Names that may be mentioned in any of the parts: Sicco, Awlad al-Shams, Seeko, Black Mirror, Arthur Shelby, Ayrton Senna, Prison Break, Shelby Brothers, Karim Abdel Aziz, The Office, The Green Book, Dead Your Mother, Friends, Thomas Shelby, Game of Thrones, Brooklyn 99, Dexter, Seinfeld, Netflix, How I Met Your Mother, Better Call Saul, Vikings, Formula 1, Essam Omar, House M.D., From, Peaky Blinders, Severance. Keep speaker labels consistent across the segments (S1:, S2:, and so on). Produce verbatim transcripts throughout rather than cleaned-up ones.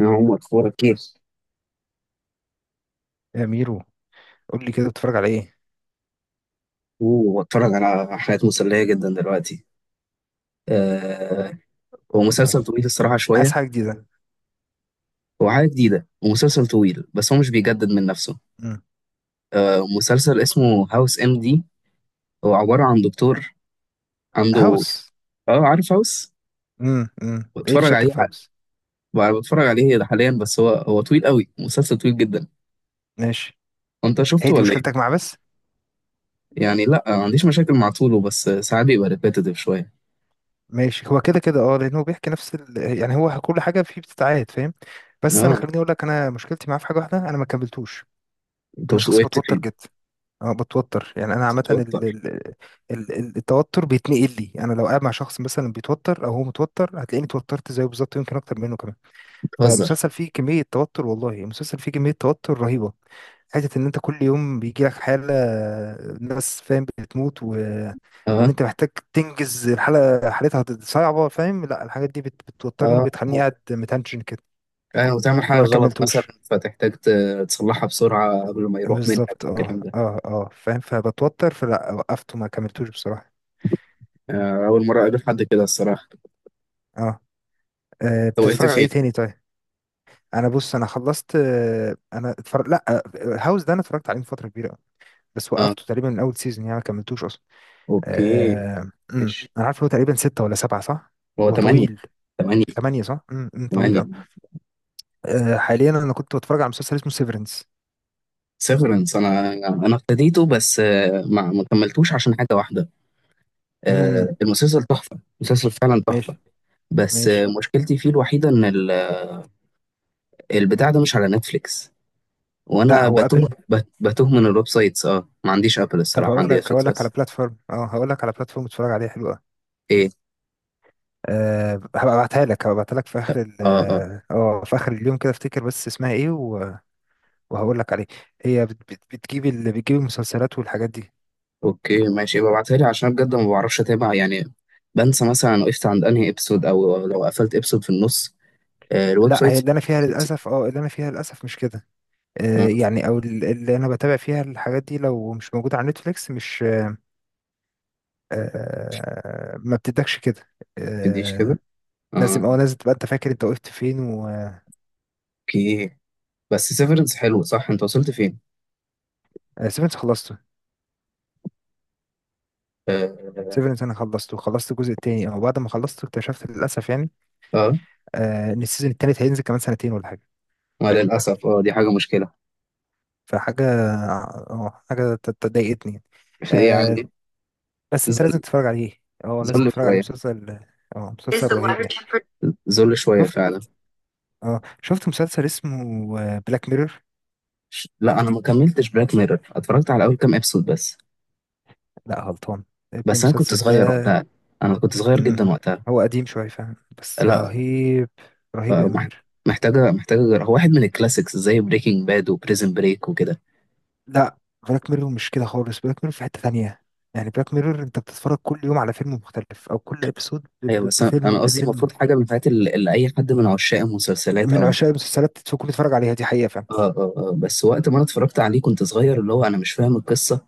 S1: أنا عمر. أخبارك؟ كتير.
S2: يا ميرو، قول لي كده بتتفرج على ايه؟
S1: وبتفرج على حاجات مسلية جدا دلوقتي. آه. هو
S2: قول لي طيب،
S1: مسلسل طويل الصراحة
S2: عايز
S1: شوية.
S2: حاجه جديده.
S1: هو حاجة جديدة ومسلسل طويل، بس هو مش بيجدد من نفسه.
S2: مم.
S1: آه، مسلسل اسمه هاوس ام دي. هو عبارة عن دكتور عنده.
S2: هاوس.
S1: اه، عارف هاوس.
S2: امم امم ايه اللي
S1: بتفرج
S2: شدك
S1: عليه
S2: في
S1: ح-
S2: هاوس؟
S1: بتفرج عليه حاليا، بس هو هو طويل قوي، مسلسل طويل جدا.
S2: ماشي.
S1: انت
S2: هي
S1: شفته
S2: دي
S1: ولا ايه؟
S2: مشكلتك مع بس؟
S1: يعني لا، ما عنديش مشاكل مع طوله، بس ساعات بيبقى ريبيتيتيف شوية.
S2: ماشي، هو كده كده، اه لانه بيحكي نفس ال... يعني هو كل حاجه فيه بتتعاد، فاهم؟ بس انا
S1: اه.
S2: خليني اقول لك، انا مشكلتي معاه في حاجه واحده، انا ما كملتوش.
S1: انت
S2: انا شخص
S1: وقفت
S2: بتوتر
S1: فين؟
S2: جدا. اه بتوتر، يعني انا عامه ال...
S1: بتتوتر.
S2: ال... ال... ال- التوتر بيتنقل لي، انا لو قاعد مع شخص مثلا بيتوتر او هو متوتر هتلاقيني اتوترت زيه بالظبط، يمكن اكتر منه كمان.
S1: بتهزر.
S2: فالمسلسل فيه كمية توتر، والله المسلسل فيه كمية توتر رهيبة. حتة إن أنت كل يوم بيجيلك حالة، ناس فاهم بتموت و... وإن
S1: اه.
S2: أنت محتاج تنجز، الحالة حالتها صعبة، فاهم؟ لا، الحاجات دي بت... بتوترني
S1: اه.
S2: وبتخليني قاعد متنشن كده.
S1: يعني وتعمل حاجة
S2: فما
S1: غلط مثلا،
S2: كملتوش.
S1: فتحتاج ت- تصلحها بسرعة قبل ما يروح منك
S2: بالظبط، اه
S1: والكلام ده.
S2: اه اه فاهم، فبتوتر، فلا، وقفت وما كملتوش بصراحة.
S1: آه، أول مرة أقابل حد كده الصراحة.
S2: اه آه،
S1: أنت وقفت
S2: بتتفرج على ايه
S1: فين؟
S2: تاني، طيب؟ انا بص، انا خلصت، آه، انا اتفرج، لا، آه، هاوس ده انا اتفرجت عليه من فترة كبيرة. بس
S1: أه.
S2: وقفته تقريبا من اول سيزون، يعني ما كملتوش اصلا.
S1: أوكي،
S2: آه، أمم.
S1: ماشي.
S2: انا عارف إن هو تقريبا ستة ولا سبعة، صح؟
S1: هو
S2: هو
S1: تمانية.
S2: طويل.
S1: تمانية.
S2: ثمانية، صح. أمم، أمم، طويل
S1: تمانية.
S2: أوي. آه، حاليا انا كنت بتفرج على مسلسل اسمه سيفرنس.
S1: سيفرنس. أنا أنا ابتديته، بس آه، ما ما كملتوش عشان حاجة واحدة.
S2: امم.
S1: آه، المسلسل تحفة، المسلسل فعلا تحفة.
S2: ماشي.
S1: بس آه،
S2: ماشي.
S1: مشكلتي فيه الوحيدة إن ال- البتاع ده مش على نتفليكس.
S2: لا،
S1: وأنا
S2: هو
S1: بتوه،
S2: ابل.
S1: بت- بتوه من الويب سايتس. أه، ما عنديش أبل
S2: طب،
S1: الصراحة،
S2: هقول
S1: عندي
S2: لك هقول
S1: نتفليكس
S2: لك
S1: بس.
S2: على بلاتفورم، اه هقول لك على بلاتفورم تتفرج عليها حلوه.
S1: إيه؟
S2: أه هبقى ابعتها لك هبقى ابعتها لك في اخر ال-
S1: أه. آه.
S2: اه آه، في اخر اليوم كده، افتكر بس اسمها ايه و- وهقول لك عليه. هي بت- بت- بتجيب ال- بتجيب المسلسلات والحاجات دي.
S1: اوكي، ماشي، يبقى ابعتها لي عشان بجد ما بعرفش اتابع يعني. بنسى مثلا أنا وقفت عند انهي ابسود، او لو قفلت ابسود في النص. آه، الويب
S2: لا، هي
S1: سايت.
S2: اللي انا فيها للاسف، اه اللي انا فيها للاسف مش كده.
S1: آه
S2: آه،
S1: ما
S2: يعني، او ال- اللي انا بتابع فيها الحاجات دي لو مش موجوده على نتفليكس، مش... آه، ما بتدكش كده.
S1: تديش
S2: آه.
S1: كده. اه.
S2: لازم او لازم تبقى انت فاكر انت وقفت فين و
S1: اوكي. بس سيفرنس حلو، صح؟ انت وصلت فين؟
S2: سيفنس خلصته.
S1: اه.
S2: سيفنس انا خلصته، خلصت الجزء التاني، او بعد ما خلصته اكتشفت للاسف يعني،
S1: اه.
S2: آه، ان السيزون التالت هينزل كمان سنتين ولا حاجه.
S1: ما
S2: فاهم.
S1: للاسف، اه دي حاجه مشكله.
S2: فحاجه اه آه، حاجه ت- ت- ضايقتني. آه،
S1: يعني.
S2: بس انت لازم
S1: ذل.
S2: تتفرج عليه. اه لازم
S1: ذل
S2: تتفرج عليه،
S1: شويه.
S2: مسلسل. اه
S1: Is
S2: مسلسل
S1: the
S2: رهيب
S1: water
S2: يعني.
S1: temper- ذل شويه
S2: شفت؟
S1: فعلا.
S2: اه شفت مسلسل اسمه بلاك ميرور؟
S1: لا، انا ما كملتش بلاك ميرور، اتفرجت على اول كام ابسود بس.
S2: لا، غلطان. ابني،
S1: بس انا كنت
S2: المسلسل ده!
S1: صغير وقتها. انا كنت صغير
S2: مم.
S1: جدا وقتها.
S2: هو قديم شوية فعلا بس
S1: لا.
S2: رهيب. رهيب يا
S1: فمح-
S2: أمير.
S1: محتاجة محتاجة، هو واحد من الكلاسيكس زي بريكنج باد وبريزن بريك وكده.
S2: لا، بلاك ميرور مش كده خالص، بلاك ميرور في حتة تانية. يعني بلاك ميرور انت بتتفرج كل يوم على فيلم مختلف، او كل ابيسود
S1: ايوه، بس انا أنا
S2: بفيلم
S1: قصدي
S2: بفيلم
S1: المفروض حاجة من الحاجات اللي, اللي اي حد من عشاق المسلسلات
S2: من
S1: او.
S2: عشاق المسلسلات تكون تتفرج عليها، دي حقيقة فعلا.
S1: آه آه آه بس وقت ما انا اتفرجت عليه كنت صغير، اللي هو انا مش فاهم القصة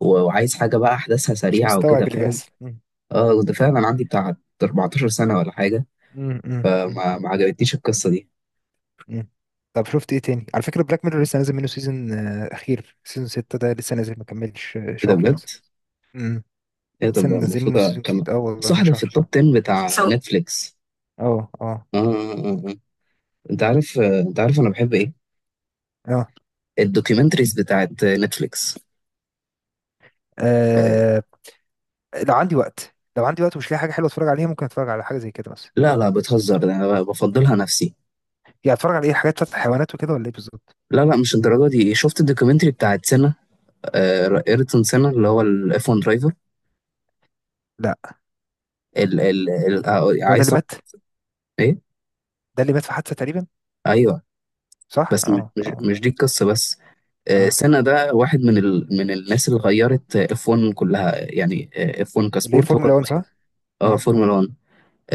S1: و- وعايز حاجة بقى احداثها
S2: مش
S1: سريعة وكده،
S2: مستوعب اللي
S1: فاهم.
S2: بيحصل. مم.
S1: اه، ده فعلا عندي بتاع 14 سنة ولا حاجة.
S2: مم. مم. مم.
S1: ما, ما عجبتنيش القصة دي.
S2: مم. طب شفت ايه تاني؟ على فكرة بلاك ميرور لسه نازل منه سيزون، آه، اخير سيزون ستة ده لسه نازل، ما كملش آه،
S1: ايه ده
S2: شهر
S1: بجد؟
S2: مثلا. مم.
S1: ايه ده
S2: لسه
S1: بجد؟
S2: نازل
S1: المفروض
S2: منه سيزون
S1: اكمل.
S2: جديد، اه والله
S1: صح،
S2: من
S1: ده في
S2: شهر
S1: التوب
S2: آه.
S1: عشرة بتاع سو نتفليكس.
S2: اه اه
S1: اه. آه. آه. آه. انت عارف آه، انت عارف انا بحب ايه؟
S2: اه
S1: الدوكيومنتريز بتاعت نتفليكس.
S2: آه، لو عندي وقت، لو عندي وقت ومش لاقي حاجه حلوه اتفرج عليها، ممكن اتفرج على حاجه زي كده مثلا.
S1: لا، لا، بتهزر، ده انا بفضلها نفسي.
S2: يعني اتفرج على ايه، حاجات بتاعت الحيوانات وكده، ولا ايه بالظبط؟
S1: لا، لا، مش الدرجه دي. شفت الدوكيومنتري بتاعت سنة؟ آه، ايرتون سنة، اللي هو الاف وان درايفر.
S2: لا،
S1: ال ال ال آه،
S2: هو ده
S1: عايز
S2: اللي
S1: تعرف؟
S2: مات؟
S1: ايه؟
S2: ده اللي مات في حادثه تقريبا.
S1: ايوه،
S2: صح،
S1: بس م-
S2: اه
S1: مش
S2: اه
S1: مش دي القصه بس. آه،
S2: اه
S1: سنة ده واحد من ال من الناس اللي غيرت اف واحد كلها يعني. اف وان
S2: اللي هي
S1: كسبورت هو
S2: فورمولا
S1: اللي
S2: واحد، صح.
S1: غير- اه،
S2: اه
S1: فورمولا واحد.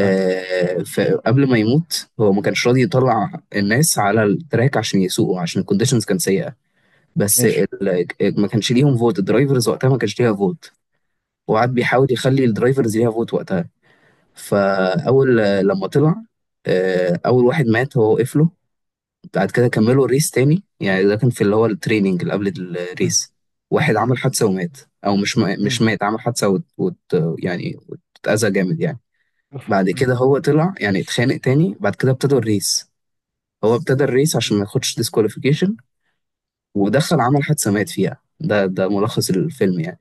S2: اه
S1: فقبل ما يموت هو ما كانش راضي يطلع الناس على التراك عشان يسوقوا عشان الكونديشنز كانت سيئه. بس
S2: ماشي.
S1: ال... ال- ما كانش ليهم فوت، الدرايفرز وقتها ما كانش ليها فوت. هو قعد
S2: م-،
S1: بيحاول يخلي الدرايفرز ليها فوت وقتها. فاول لما طلع آه، اول واحد مات هو وقف له. بعد كده كملوا الريس تاني، يعني ده كان في اللي هو التريننج اللي قبل
S2: م-،
S1: الريس. واحد
S2: م-،
S1: عمل حادثة ومات. او مش ما-
S2: م-،
S1: مش مات، عمل حادثة وت... وت... يعني، واتأذى جامد يعني.
S2: أوف،
S1: بعد
S2: م-،
S1: كده هو طلع، يعني اتخانق تاني، بعد كده ابتدوا الريس. هو ابتدى الريس عشان
S2: م-،
S1: ما ياخدش ديسكواليفيكيشن. ودخل عمل حادثة مات فيها، ده ده
S2: م-،
S1: ملخص الفيلم يعني.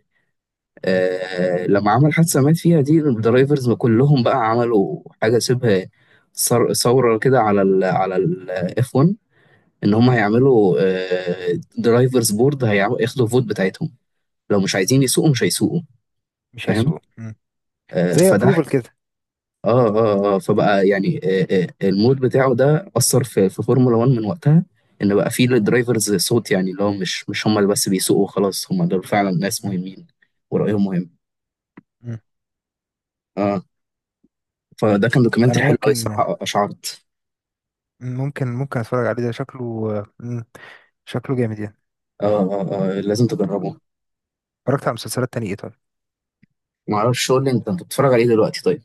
S2: م-،
S1: آه، لما عمل حادثة مات فيها دي، الدرايفرز كلهم بقى عملوا حاجة شبه ثر- ثورة كده على ال على ال اف وان، إن هم
S2: م-،
S1: هيعملوا آه درايفرز بورد، هيعملوا ياخدوا فوت بتاعتهم. لو مش
S2: م.
S1: عايزين يسوقوا مش هيسوقوا.
S2: مش
S1: فاهم.
S2: هيسوق، م.
S1: آه
S2: زي
S1: فده.
S2: ابروفل كده.
S1: اه اه اه فبقى يعني، آه آه المود بتاعه ده أثر في في فورمولا وان من وقتها. إن بقى فيه للدرايفرز صوت، يعني اللي هو مش مش هم اللي بس بيسوقوا، خلاص هم دول فعلا ناس
S2: م-.
S1: مهمين ورأيهم مهم.
S2: م.
S1: اه. فده كان
S2: انا،
S1: دوكيومنتري حلو قوي
S2: ممكن
S1: الصراحه، اشعرت.
S2: ممكن ممكن اتفرج عليه، ده شكله، م. شكله جامد يعني.
S1: آه. آه. آه. لازم تجربه.
S2: اتفرجت على مسلسلات تانية ايه، طيب؟
S1: ما اعرفش، شو اللي انت انت بتتفرج عليه دلوقتي طيب؟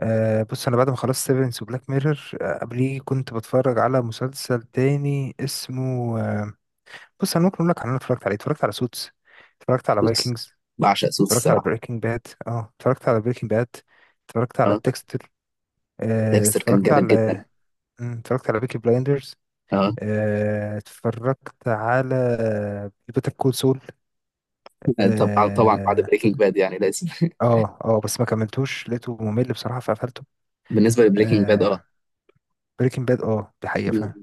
S2: آه بص، انا بعد ما خلصت سيفنس وبلاك ميرور آه قبليه كنت بتفرج على مسلسل تاني اسمه، آه بص انا ممكن اقول لك على اللي انا اتفرجت عليه. اتفرجت على سوتس. اتفرجت على
S1: سوتس.
S2: فايكنجز.
S1: بعشق سوتس
S2: اتفرجت على
S1: الصراحه.
S2: بريكنج باد، اه اتفرجت على بريكنج باد. اتفرجت على
S1: اه.
S2: ديكستر. آه
S1: ديكستر كان
S2: اتفرجت
S1: جامد جدا.
S2: على، مم، اتفرجت على بيكي بلايندرز.
S1: اه.
S2: آه اتفرجت على بيتر كول سول.
S1: طبعا طبعا، بعد
S2: اه
S1: بريكنج باد يعني لازم.
S2: اه آه، بس ما كملتوش، لقيته ممل بصراحة فقفلته.
S1: بالنسبه لبريكنج باد، اه.
S2: آه. بريكنج باد، اه دي حقيقة فعلا.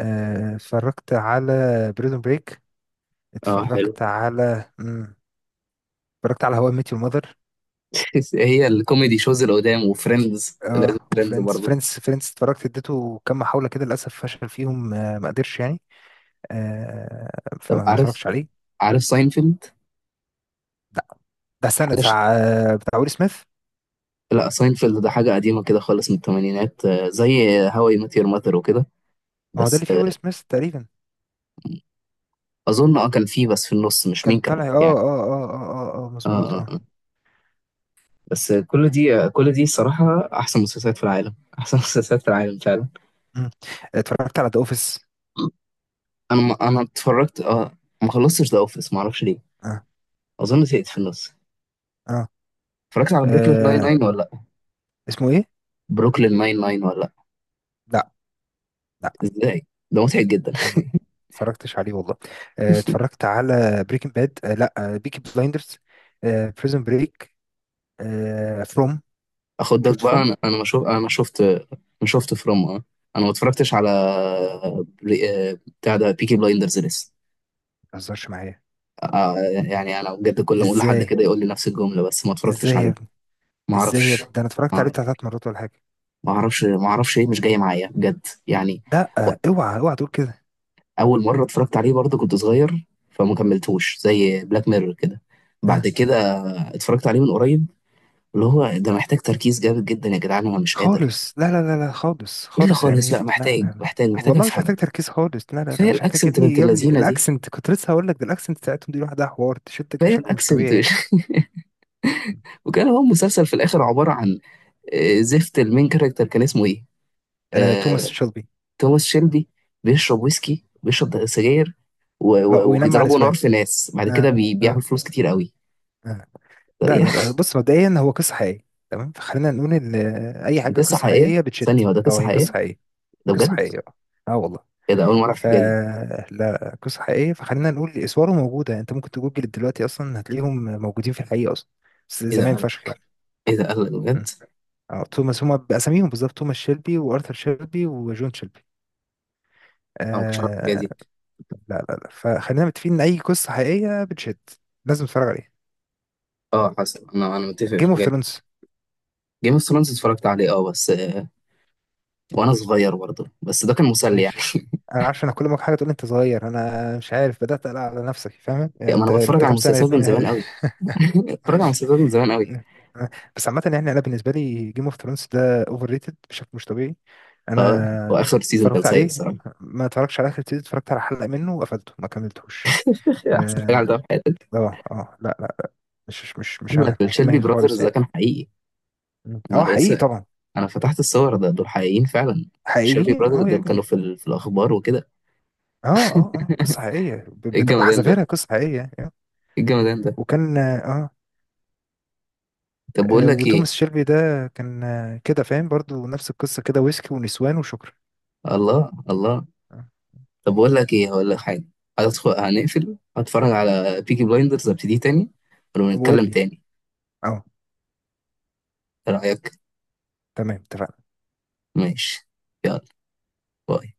S2: آه، اتفرجت على بريزون بريك.
S1: اه، حلو.
S2: اتفرجت على مم. اتفرجت على هواء ميت يور ماذر.
S1: هي الكوميدي شوز اللي قدام، وفريندز لازم،
S2: اه
S1: فريندز
S2: وفريندز، فريندز
S1: برضه.
S2: فريندز اتفرجت، اديته كام محاولة كده للأسف فشل فيهم، آه، ما قدرش يعني. آه،
S1: طب،
S2: فما ما
S1: عارف
S2: اتفرجتش عليه.
S1: عارف ساينفيلد؟
S2: ده ده السنة
S1: حاجه ش...
S2: بتاع آه، بتاع ويل سميث؟
S1: لا، ساينفيلد ده حاجه قديمه كده خالص من الثمانينات، آه، زي هاو اي ميت يور ماذر وكده
S2: هو ده
S1: بس.
S2: اللي فيه ويل سميث تقريبا؟
S1: اظن، اه كان في بس في النص، مش
S2: كان
S1: مين
S2: طالع،
S1: كانت
S2: اه
S1: يعني.
S2: اه اه اه اه اه
S1: اه.
S2: مظبوط،
S1: اه.
S2: اه.
S1: آه. بس كل دي، كل دي صراحة احسن مسلسلات في العالم، احسن مسلسلات في العالم فعلا.
S2: مم. اتفرجت على ذا اوفيس.
S1: انا ما، انا اتفرجت، اه ما خلصتش ذا اوفيس، ما اعرفش ليه.
S2: اه
S1: اظن زهقت في النص.
S2: اه
S1: اتفرجت على بروكلين
S2: آه،
S1: تسعة وتسعين ولا لا؟
S2: اسمه ايه؟
S1: بروكلين تسعة وتسعين ولا لا؟
S2: لا،
S1: ازاي؟ ده مضحك جدا.
S2: أنا ما اتفرجتش عليه والله. آه، اتفرجت على بريكنج باد، لا، بيكي بلايندرز، بريزن بريك، فروم.
S1: اخدك
S2: شفت
S1: بقى،
S2: فروم؟ ما
S1: انا انا ما شوف انا ما شفت. ما شفت فروم. اه انا ما اتفرجتش على بري- آه، بتاع ده، بيكي بلايندرز لسه.
S2: تهزرش معايا.
S1: آه، يعني انا بجد كل ما اقول لحد
S2: ازاي؟
S1: كده يقول لي نفس الجملة، بس ما اتفرجتش
S2: ازاي يا
S1: عليه.
S2: ابني؟
S1: ما
S2: ازاي يا
S1: اعرفش.
S2: ابني؟ ده انا اتفرجت
S1: ما
S2: عليه
S1: اعرف-
S2: بتاع ثلاث مرات ولا حاجه.
S1: ما اعرفش، ما اعرفش ايه، مش جاي معايا بجد يعني.
S2: لا، آه، اوعى اوعى تقول كده.
S1: اول مره اتفرجت عليه برضه كنت صغير، فما كملتوش زي بلاك ميرور كده. بعد
S2: آه.
S1: كده اتفرجت عليه من قريب، اللي هو ده محتاج تركيز جامد جدا يا جدعان، انا مش قادر.
S2: خالص، لا، لا، لا، لا، خالص،
S1: الا
S2: خالص يا
S1: خالص، لا،
S2: امير، لا،
S1: محتاج
S2: لا، لا.
S1: محتاج محتاج
S2: والله مش
S1: افهم.
S2: محتاج تركيز خالص، لا، لا، لا،
S1: كفايه
S2: مش محتاج يا
S1: الاكسنت
S2: ابني،
S1: بنت
S2: يا ابني
S1: اللذينه دي.
S2: الاكسنت، كنت لسه هقول لك ده الاكسنت بتاعتهم دي لوحدها حوار تشدك
S1: كفايه
S2: بشكل مش
S1: الاكسنت.
S2: طبيعي يعني.
S1: وكان هو مسلسل في الاخر عباره عن آه، زفت. المين كاركتر كان اسمه ايه؟
S2: آه، توماس
S1: آه،
S2: شيلبي.
S1: توماس شيلبي. بيشرب ويسكي، بيشرب سجاير، و-
S2: آه،
S1: و-
S2: وينام مع
S1: وبيضربوا نار
S2: نسوان.
S1: في ناس، بعد كده
S2: آه،
S1: بي...
S2: آه،
S1: بيعمل فلوس كتير قوي.
S2: آه.
S1: ده-
S2: لا،
S1: يا
S2: لا، لا،
S1: أخي،
S2: بص مبدئيا هو قصة حقيقية تمام، فخلينا نقول ان اي
S1: دي
S2: حاجة
S1: قصه
S2: قصة
S1: حقيقيه؟
S2: حقيقية بتشد.
S1: ثانيه، هو ده
S2: او
S1: قصه
S2: هي قصة
S1: حقيقيه؟
S2: حقيقية.
S1: ده
S2: قصة
S1: بجد؟
S2: حقيقية، اه. آه والله.
S1: ايه ده، اول مره اعرف
S2: ف
S1: الحاجه دي.
S2: لا، قصة حقيقية، فخلينا نقول اسواره موجودة، انت ممكن تجوجل دلوقتي اصلا هتلاقيهم موجودين في الحقيقة اصلا. بس
S1: ايه ده
S2: زمان
S1: قال؟
S2: فشخ يعني.
S1: ايه ده قال
S2: م.
S1: بجد؟
S2: اه توماس، هما باساميهم بالظبط، توماس شيلبي وارثر شيلبي وجون شيلبي.
S1: انا ما كنتش اعرف الحاجه
S2: آه.
S1: دي.
S2: لا، لا، لا، فخلينا متفقين ان اي قصة حقيقية بتشد لازم تتفرج عليها.
S1: اه، حصل. انا انا متفق في
S2: جيم اوف
S1: الحاجه دي.
S2: ثرونز.
S1: جيم اوف ثرونز اتفرجت عليه، اه، بس آه، وانا صغير برضه، بس ده كان مسلي يعني.
S2: ماشي. انا عارف، انا كل ما حاجه تقول لي انت صغير انا مش عارف، بدات اقلق على نفسك، فاهم يعني،
S1: يعني ما
S2: انت
S1: انا بتفرج
S2: انت
S1: على
S2: كام سنه يا
S1: مسلسلات من زمان
S2: ابني؟
S1: قوي. بتفرج على
S2: ماشي.
S1: مسلسلات من زمان قوي.
S2: بس عامه يعني، انا بالنسبه لي جيم اوف ثرونز ده اوفر ريتد بشكل مش طبيعي.
S1: اه.
S2: انا
S1: واخر سيزون كان
S2: اتفرجت
S1: سيء
S2: عليه.
S1: الصراحه.
S2: ما اتفرجتش على اخر سيزون، اتفرجت على حلقه منه وقفلته، ما كملتوش.
S1: احسن حاجه
S2: اه
S1: عملتها في حياتي.
S2: اه آه، لا، لا، مش، مش، مش
S1: اقول
S2: انا،
S1: لك،
S2: مش
S1: الشيلبي
S2: دماغي خالص
S1: براذرز ده
S2: يعني.
S1: كان حقيقي.
S2: مم.
S1: انا
S2: اه حقيقي طبعا.
S1: انا فتحت الصور، ده دول حقيقيين فعلا. شيربي
S2: حقيقي،
S1: برادر
S2: اه يا
S1: دول كانوا
S2: ابني.
S1: في, ال... في الاخبار وكده.
S2: اه اه اه قصه حقيقيه، ب-
S1: ايه
S2: بتبقى
S1: الجمدان
S2: حذافيرها
S1: ده.
S2: قصه حقيقيه آه.
S1: ايه الجمدان ده.
S2: وكان اه
S1: طب بقول
S2: آه،
S1: لك ايه.
S2: وتوماس شيلبي ده كان آه، كده، فاهم، برضو نفس القصة كده، ويسكي ونسوان وشكرا.
S1: الله، الله.
S2: آه،
S1: طب بقول لك ايه، هقول لك حاجه. هدخل، هنقفل، هتفرج على بيكي بلايندرز، ابتدي تاني
S2: وقول
S1: ونتكلم
S2: لي،
S1: تاني.
S2: اه،
S1: ايه رايك؟
S2: تمام، اتفقنا.
S1: ماشي. يلا. باي.